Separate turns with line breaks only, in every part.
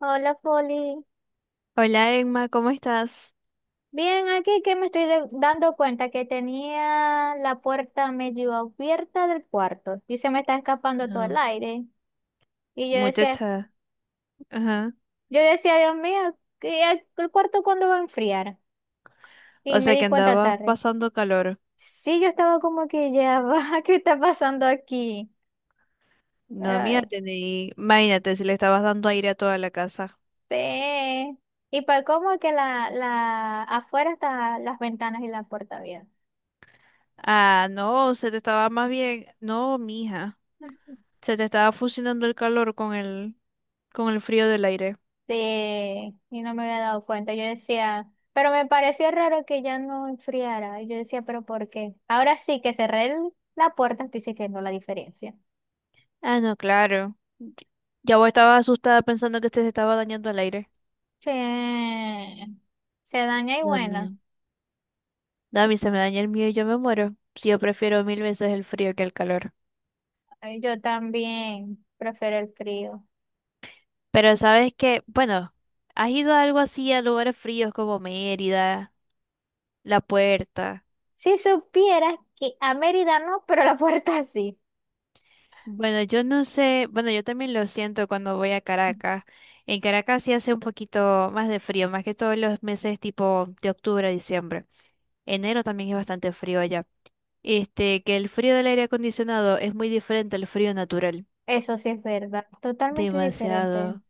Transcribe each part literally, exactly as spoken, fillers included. Hola, Foli.
Hola, Emma, ¿cómo estás?
Bien, aquí que me estoy de- dando cuenta que tenía la puerta medio abierta del cuarto y se me está escapando todo el
Ah,
aire. Y yo decía,
muchacha. Ajá.
yo decía, Dios mío, ¿qué- el cuarto cuándo va a enfriar? Y
O
me
sea que
di cuenta
andabas
tarde.
pasando calor.
Sí, yo estaba como que ya va, ¿qué está pasando aquí?
No, mira,
Pero
tení... imagínate si le estabas dando aire a toda la casa.
este, y para cómo que la, la, afuera están las ventanas y la puerta abierta.
Ah, no, se te estaba más bien, no, mija, se te estaba fusionando el calor con el con el frío del aire.
Sí, y no me había dado cuenta. Yo decía, pero me pareció raro que ya no enfriara. Y yo decía, pero ¿por qué? Ahora sí que cerré el- la puerta, estoy sintiendo la diferencia.
Ah, no, claro. Ya vos estabas asustada pensando que este se te estaba dañando el aire.
Sí, se daña y bueno,
También. No, a mí se me daña el mío y yo me muero. Si yo prefiero mil veces el frío que el calor.
eh, yo también prefiero el frío.
Pero sabes que, bueno, has ido a algo así a lugares fríos como Mérida, La Puerta.
Si supieras que a Mérida no, pero la puerta sí.
Bueno, yo no sé, bueno, yo también lo siento cuando voy a Caracas. En Caracas sí hace un poquito más de frío, más que todos los meses tipo de octubre a diciembre. Enero también es bastante frío allá. Este, que el frío del aire acondicionado es muy diferente al frío natural.
Eso sí es verdad, totalmente diferente.
Demasiado.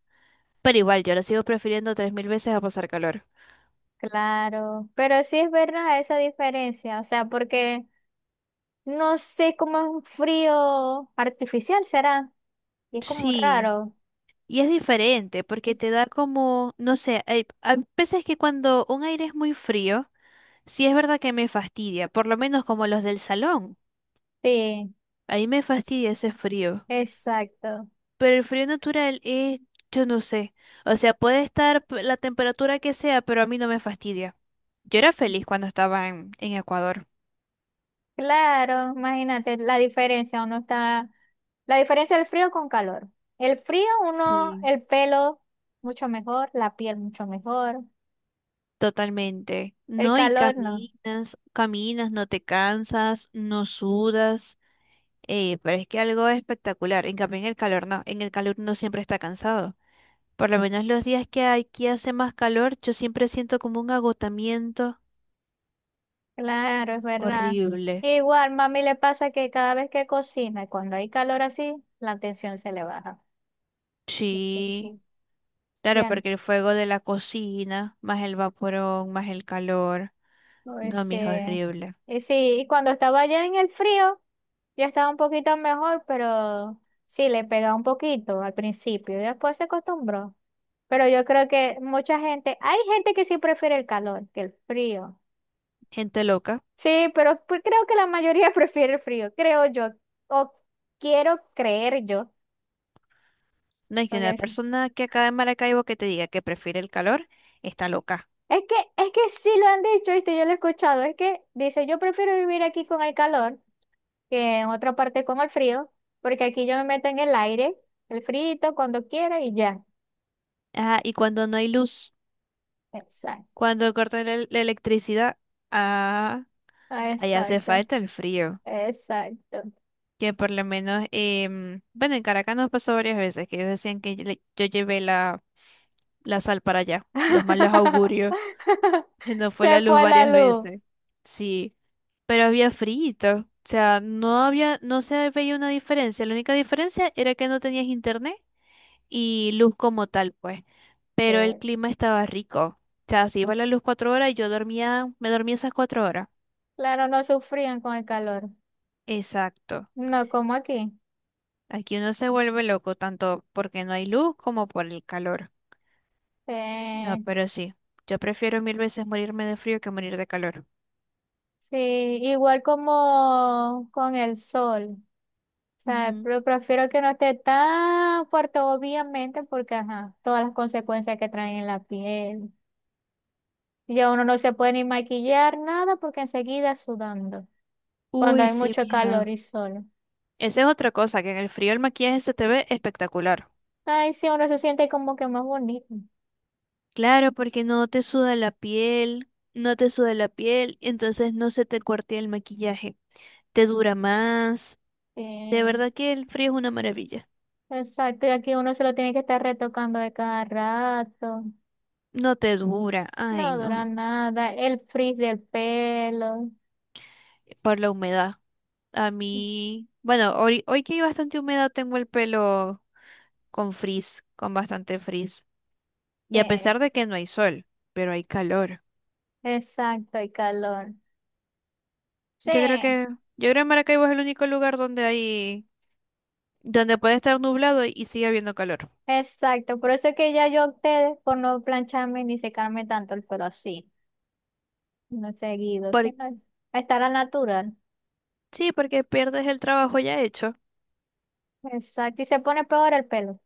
Pero igual, yo lo sigo prefiriendo tres mil veces a pasar calor.
Claro, pero sí es verdad esa diferencia, o sea, porque no sé cómo es un frío artificial, será. Y es como
Sí.
raro.
Y es diferente porque te da como, no sé, hay, hay veces que cuando un aire es muy frío, sí es verdad que me fastidia, por lo menos como los del salón.
Sí,
Ahí me fastidia
s-
ese frío.
exacto.
Pero el frío natural es, yo no sé. O sea, puede estar p- la temperatura que sea, pero a mí no me fastidia. Yo era feliz cuando estaba en, en Ecuador.
Claro, imagínate la diferencia. Uno está. La diferencia del frío con calor. El frío, uno,
Sí.
el pelo mucho mejor, la piel mucho mejor.
Totalmente.
El
No, y
calor no.
caminas, caminas, no te cansas, no sudas. Eh, pero es que algo espectacular. En cambio, en el calor no. En el calor uno siempre está cansado. Por lo menos los días que aquí hace más calor, yo siempre siento como un agotamiento
Claro, es verdad.
horrible.
Igual, mami le pasa que cada vez que cocina, cuando hay calor así, la tensión se le baja.
Sí,
La
claro,
ya no.
porque el fuego de la cocina, más el vaporón, más el calor. No, mijo,
Ese,
horrible.
y sí, y cuando estaba ya en el frío, ya estaba un poquito mejor, pero sí, le pegaba un poquito al principio, y después se acostumbró. Pero yo creo que mucha gente, hay gente que sí prefiere el calor que el frío.
Gente loca.
Sí, pero pues creo que la mayoría prefiere el frío, creo yo, o quiero creer yo.
No hay que
Porque
una
es,
persona que acá en Maracaibo que te diga que prefiere el calor, está loca.
es que, es que sí lo han dicho, ¿viste? Yo lo he escuchado, es que dice, yo prefiero vivir aquí con el calor que en otra parte con el frío, porque aquí yo me meto en el aire, el frito cuando quiera y ya.
Ah, y cuando no hay luz,
Exacto,
cuando cortan la la electricidad, ah, ahí hace
exacto,
falta el frío.
exacto.
Que por lo menos, em, bueno, en Caracas nos pasó varias veces que ellos decían que yo, le- yo llevé la, la sal para allá, los malos augurios. Se nos fue
Se
la luz
fue la
varias
luz.
veces. Sí, pero había frito. O sea, no había, no se veía una diferencia. La única diferencia era que no tenías internet y luz como tal, pues.
Sí.
Pero el clima estaba rico. O sea, se iba la luz cuatro horas y yo dormía, me dormía esas cuatro horas.
Claro, no sufrían con el calor.
Exacto.
No como aquí.
Aquí uno se vuelve loco tanto porque no hay luz como por el calor. No,
Eh,
pero sí. Yo prefiero mil veces morirme de frío que morir de calor.
sí, igual como con el sol. O sea,
Ujú.
pero prefiero que no esté tan fuerte, obviamente, porque ajá, todas las consecuencias que traen en la piel. Ya uno no se puede ni maquillar nada porque enseguida sudando, cuando
Uy,
hay
sí,
mucho calor
mija.
y sol.
Esa es otra cosa, que en el frío el maquillaje se te ve espectacular.
Ay, sí, uno se siente como que más bonito.
Claro, porque no te suda la piel, no te suda la piel, entonces no se te cuartea el maquillaje. Te dura más. De
Sí,
verdad que el frío es una maravilla.
exacto, y aquí uno se lo tiene que estar retocando de cada rato.
No te dura, ay
No dura
no.
nada, el frizz del pelo.
Por la humedad. A mí, bueno, hoy, hoy que hay bastante humedad tengo el pelo con frizz, con bastante frizz. Y a
Sí,
pesar de que no hay sol, pero hay calor.
exacto, y calor. Sí,
Yo creo que, yo creo que Maracaibo es el único lugar donde hay, donde puede estar nublado y sigue habiendo calor.
exacto, por eso es que ya yo opté por no plancharme ni secarme tanto el pelo así, no seguido,
Por-
sino a estar al natural.
sí, porque pierdes el trabajo ya hecho.
Exacto, y se pone peor el pelo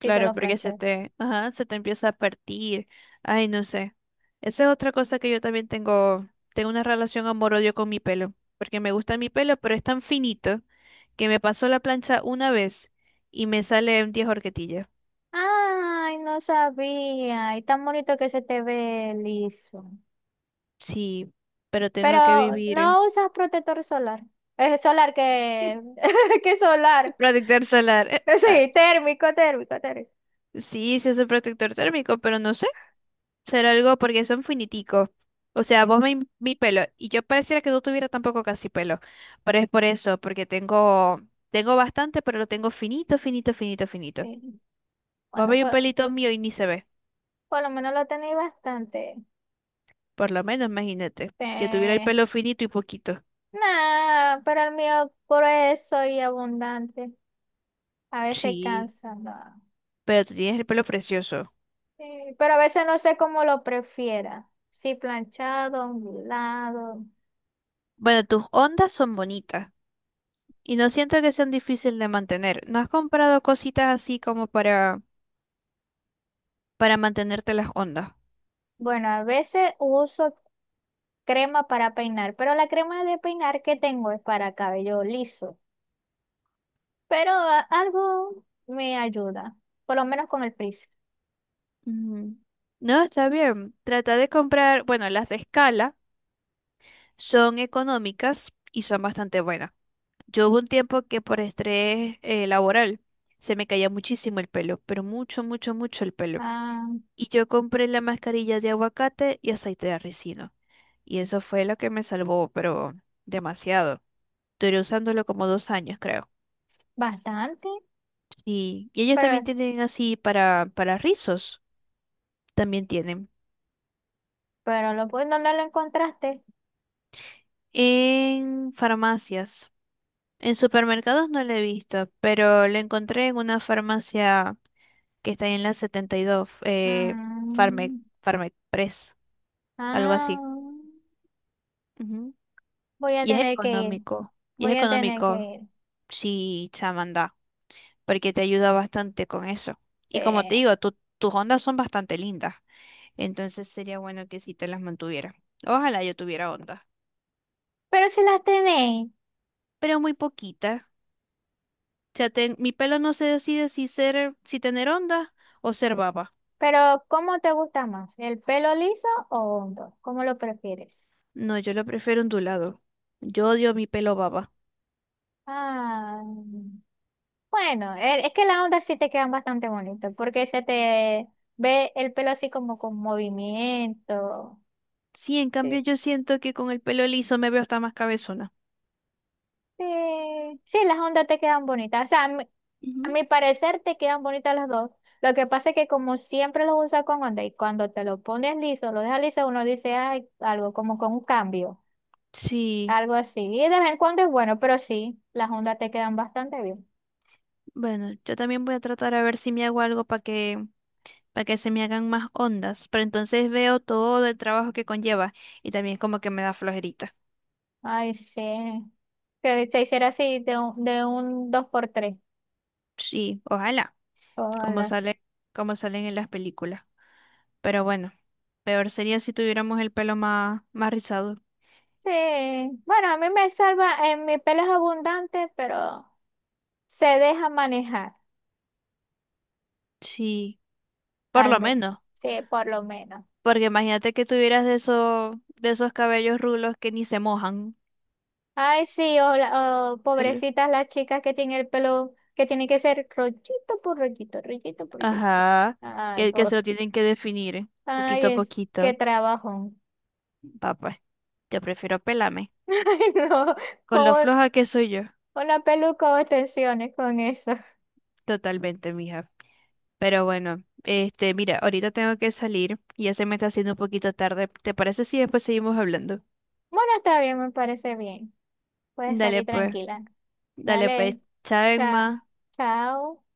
si te lo
porque se
planchas.
te, ajá, se te empieza a partir. Ay, no sé. Esa es otra cosa que yo también tengo, tengo una relación amor-odio con mi pelo, porque me gusta mi pelo, pero es tan finito que me pasó la plancha una vez y me salen diez horquetillas.
Ay, no sabía, y tan bonito que se te ve liso.
Sí, pero
Pero
tengo que vivir.
no usas protector solar. Es solar que, que solar.
Protector solar. eh,
Eh,
ah,
Sí, térmico, térmico, térmico.
sí, sí es un protector térmico, pero no sé. Será algo porque son finiticos. O sea, vos me, mi pelo. Y yo pareciera que no tuviera tampoco casi pelo. Pero es por eso, porque tengo, tengo bastante, pero lo tengo finito, finito, finito, finito.
Sí.
Vos
Bueno,
veis un
pues
pelito mío y ni se ve.
por lo menos lo tenéis bastante.
Por lo menos, imagínate. Que tuviera el
Eh,
pelo finito y poquito.
nah, pero el mío grueso y abundante. A veces
Sí,
cansa. No.
pero tú tienes el pelo precioso.
Sí, pero a veces no sé cómo lo prefiera. Si planchado, ondulado.
Bueno, tus ondas son bonitas. Y no siento que sean difíciles de mantener. ¿No has comprado cositas así como para para mantenerte las ondas?
Bueno, a veces uso crema para peinar, pero la crema de peinar que tengo es para cabello liso. Pero a- algo me ayuda, por lo menos con el frizz.
Ujú. No, está bien. Trata de comprar, bueno, las de escala son económicas y son bastante buenas. Yo hubo un tiempo que por estrés eh, laboral se me caía muchísimo el pelo, pero mucho, mucho, mucho el pelo.
Ah,
Y yo compré la mascarilla de aguacate y aceite de ricino. Y eso fue lo que me salvó, pero demasiado. Duré usándolo como dos años, creo.
bastante,
Y, y ellos también
pero,
tienen así para, para rizos. También tienen.
pero lo, pues, ¿dónde lo encontraste?
En farmacias. En supermercados no lo he visto, pero lo encontré en una farmacia que está ahí en la setenta y dos, eh, Farmec,
Ah,
Farmec Press, algo
ah,
así. Ujú.
voy a
Y es
tener que ir,
económico. Y es
voy a tener que
económico,
ir.
sí, chamanda, porque te ayuda bastante con eso.
Sí.
Y como te digo, tu- tus ondas son bastante lindas, entonces sería bueno que si te las mantuviera. Ojalá yo tuviera ondas,
Pero si las tenéis.
pero muy poquitas. Sea, ten- mi pelo no se decide si ser, si tener onda o ser baba.
Pero, ¿cómo te gusta más? ¿El pelo liso o hondo? ¿Cómo lo prefieres?
No, yo lo prefiero ondulado. Yo odio mi pelo baba.
Ah, bueno, e- es que las ondas sí te quedan bastante bonitas, porque se te ve el pelo así como con movimiento.
Sí, en cambio
Sí,
yo siento que con el pelo liso me veo hasta más cabezona.
sí, sí, las ondas te quedan bonitas. O sea, a mi, a
Ujú.
mi parecer te quedan bonitas las dos. Lo que pasa es que como siempre los usas con onda y cuando te lo pones liso, lo dejas liso, uno dice, ay, algo como con un cambio.
Sí,
Algo así. Y de vez en cuando es bueno, pero sí, las ondas te quedan bastante bien.
bueno, yo también voy a tratar a ver si me hago algo para que, para que se me hagan más ondas, pero entonces veo todo el trabajo que conlleva y también como que me da flojerita.
Ay, sí. Que se hiciera así de un, de un dos por tres.
Sí, ojalá, como
Hola.
sale, como salen en las películas. Pero bueno, peor sería si tuviéramos el pelo más, más rizado.
Sí. Bueno, a mí me salva, en mi pelo es abundante, pero se deja manejar,
Sí, por
al
lo
menos.
menos,
Sí, por lo menos.
porque imagínate que tuvieras de esos, de esos cabellos rulos que ni se mojan.
Ay, sí, o la- o
El-
pobrecitas las chicas que tienen el pelo, que tiene que ser rollito por rollito, rollito por rollito.
ajá,
Ay,
que, que se
por.
lo tienen que definir
Ay,
poquito a
es, qué
poquito.
trabajo.
Papá, yo prefiero pelarme.
Ay, no.
Con lo
¿Cómo?
floja que soy yo,
Una peluca o tensiones con eso.
totalmente, mija. Pero bueno, este, mira, ahorita tengo que salir y ya se me está haciendo un poquito tarde. ¿Te parece si después seguimos hablando?
Bueno, está bien, me parece bien. Puedes
Dale
salir
pues,
tranquila.
dale pues,
Dale.
chao,
Chao.
más
Chao.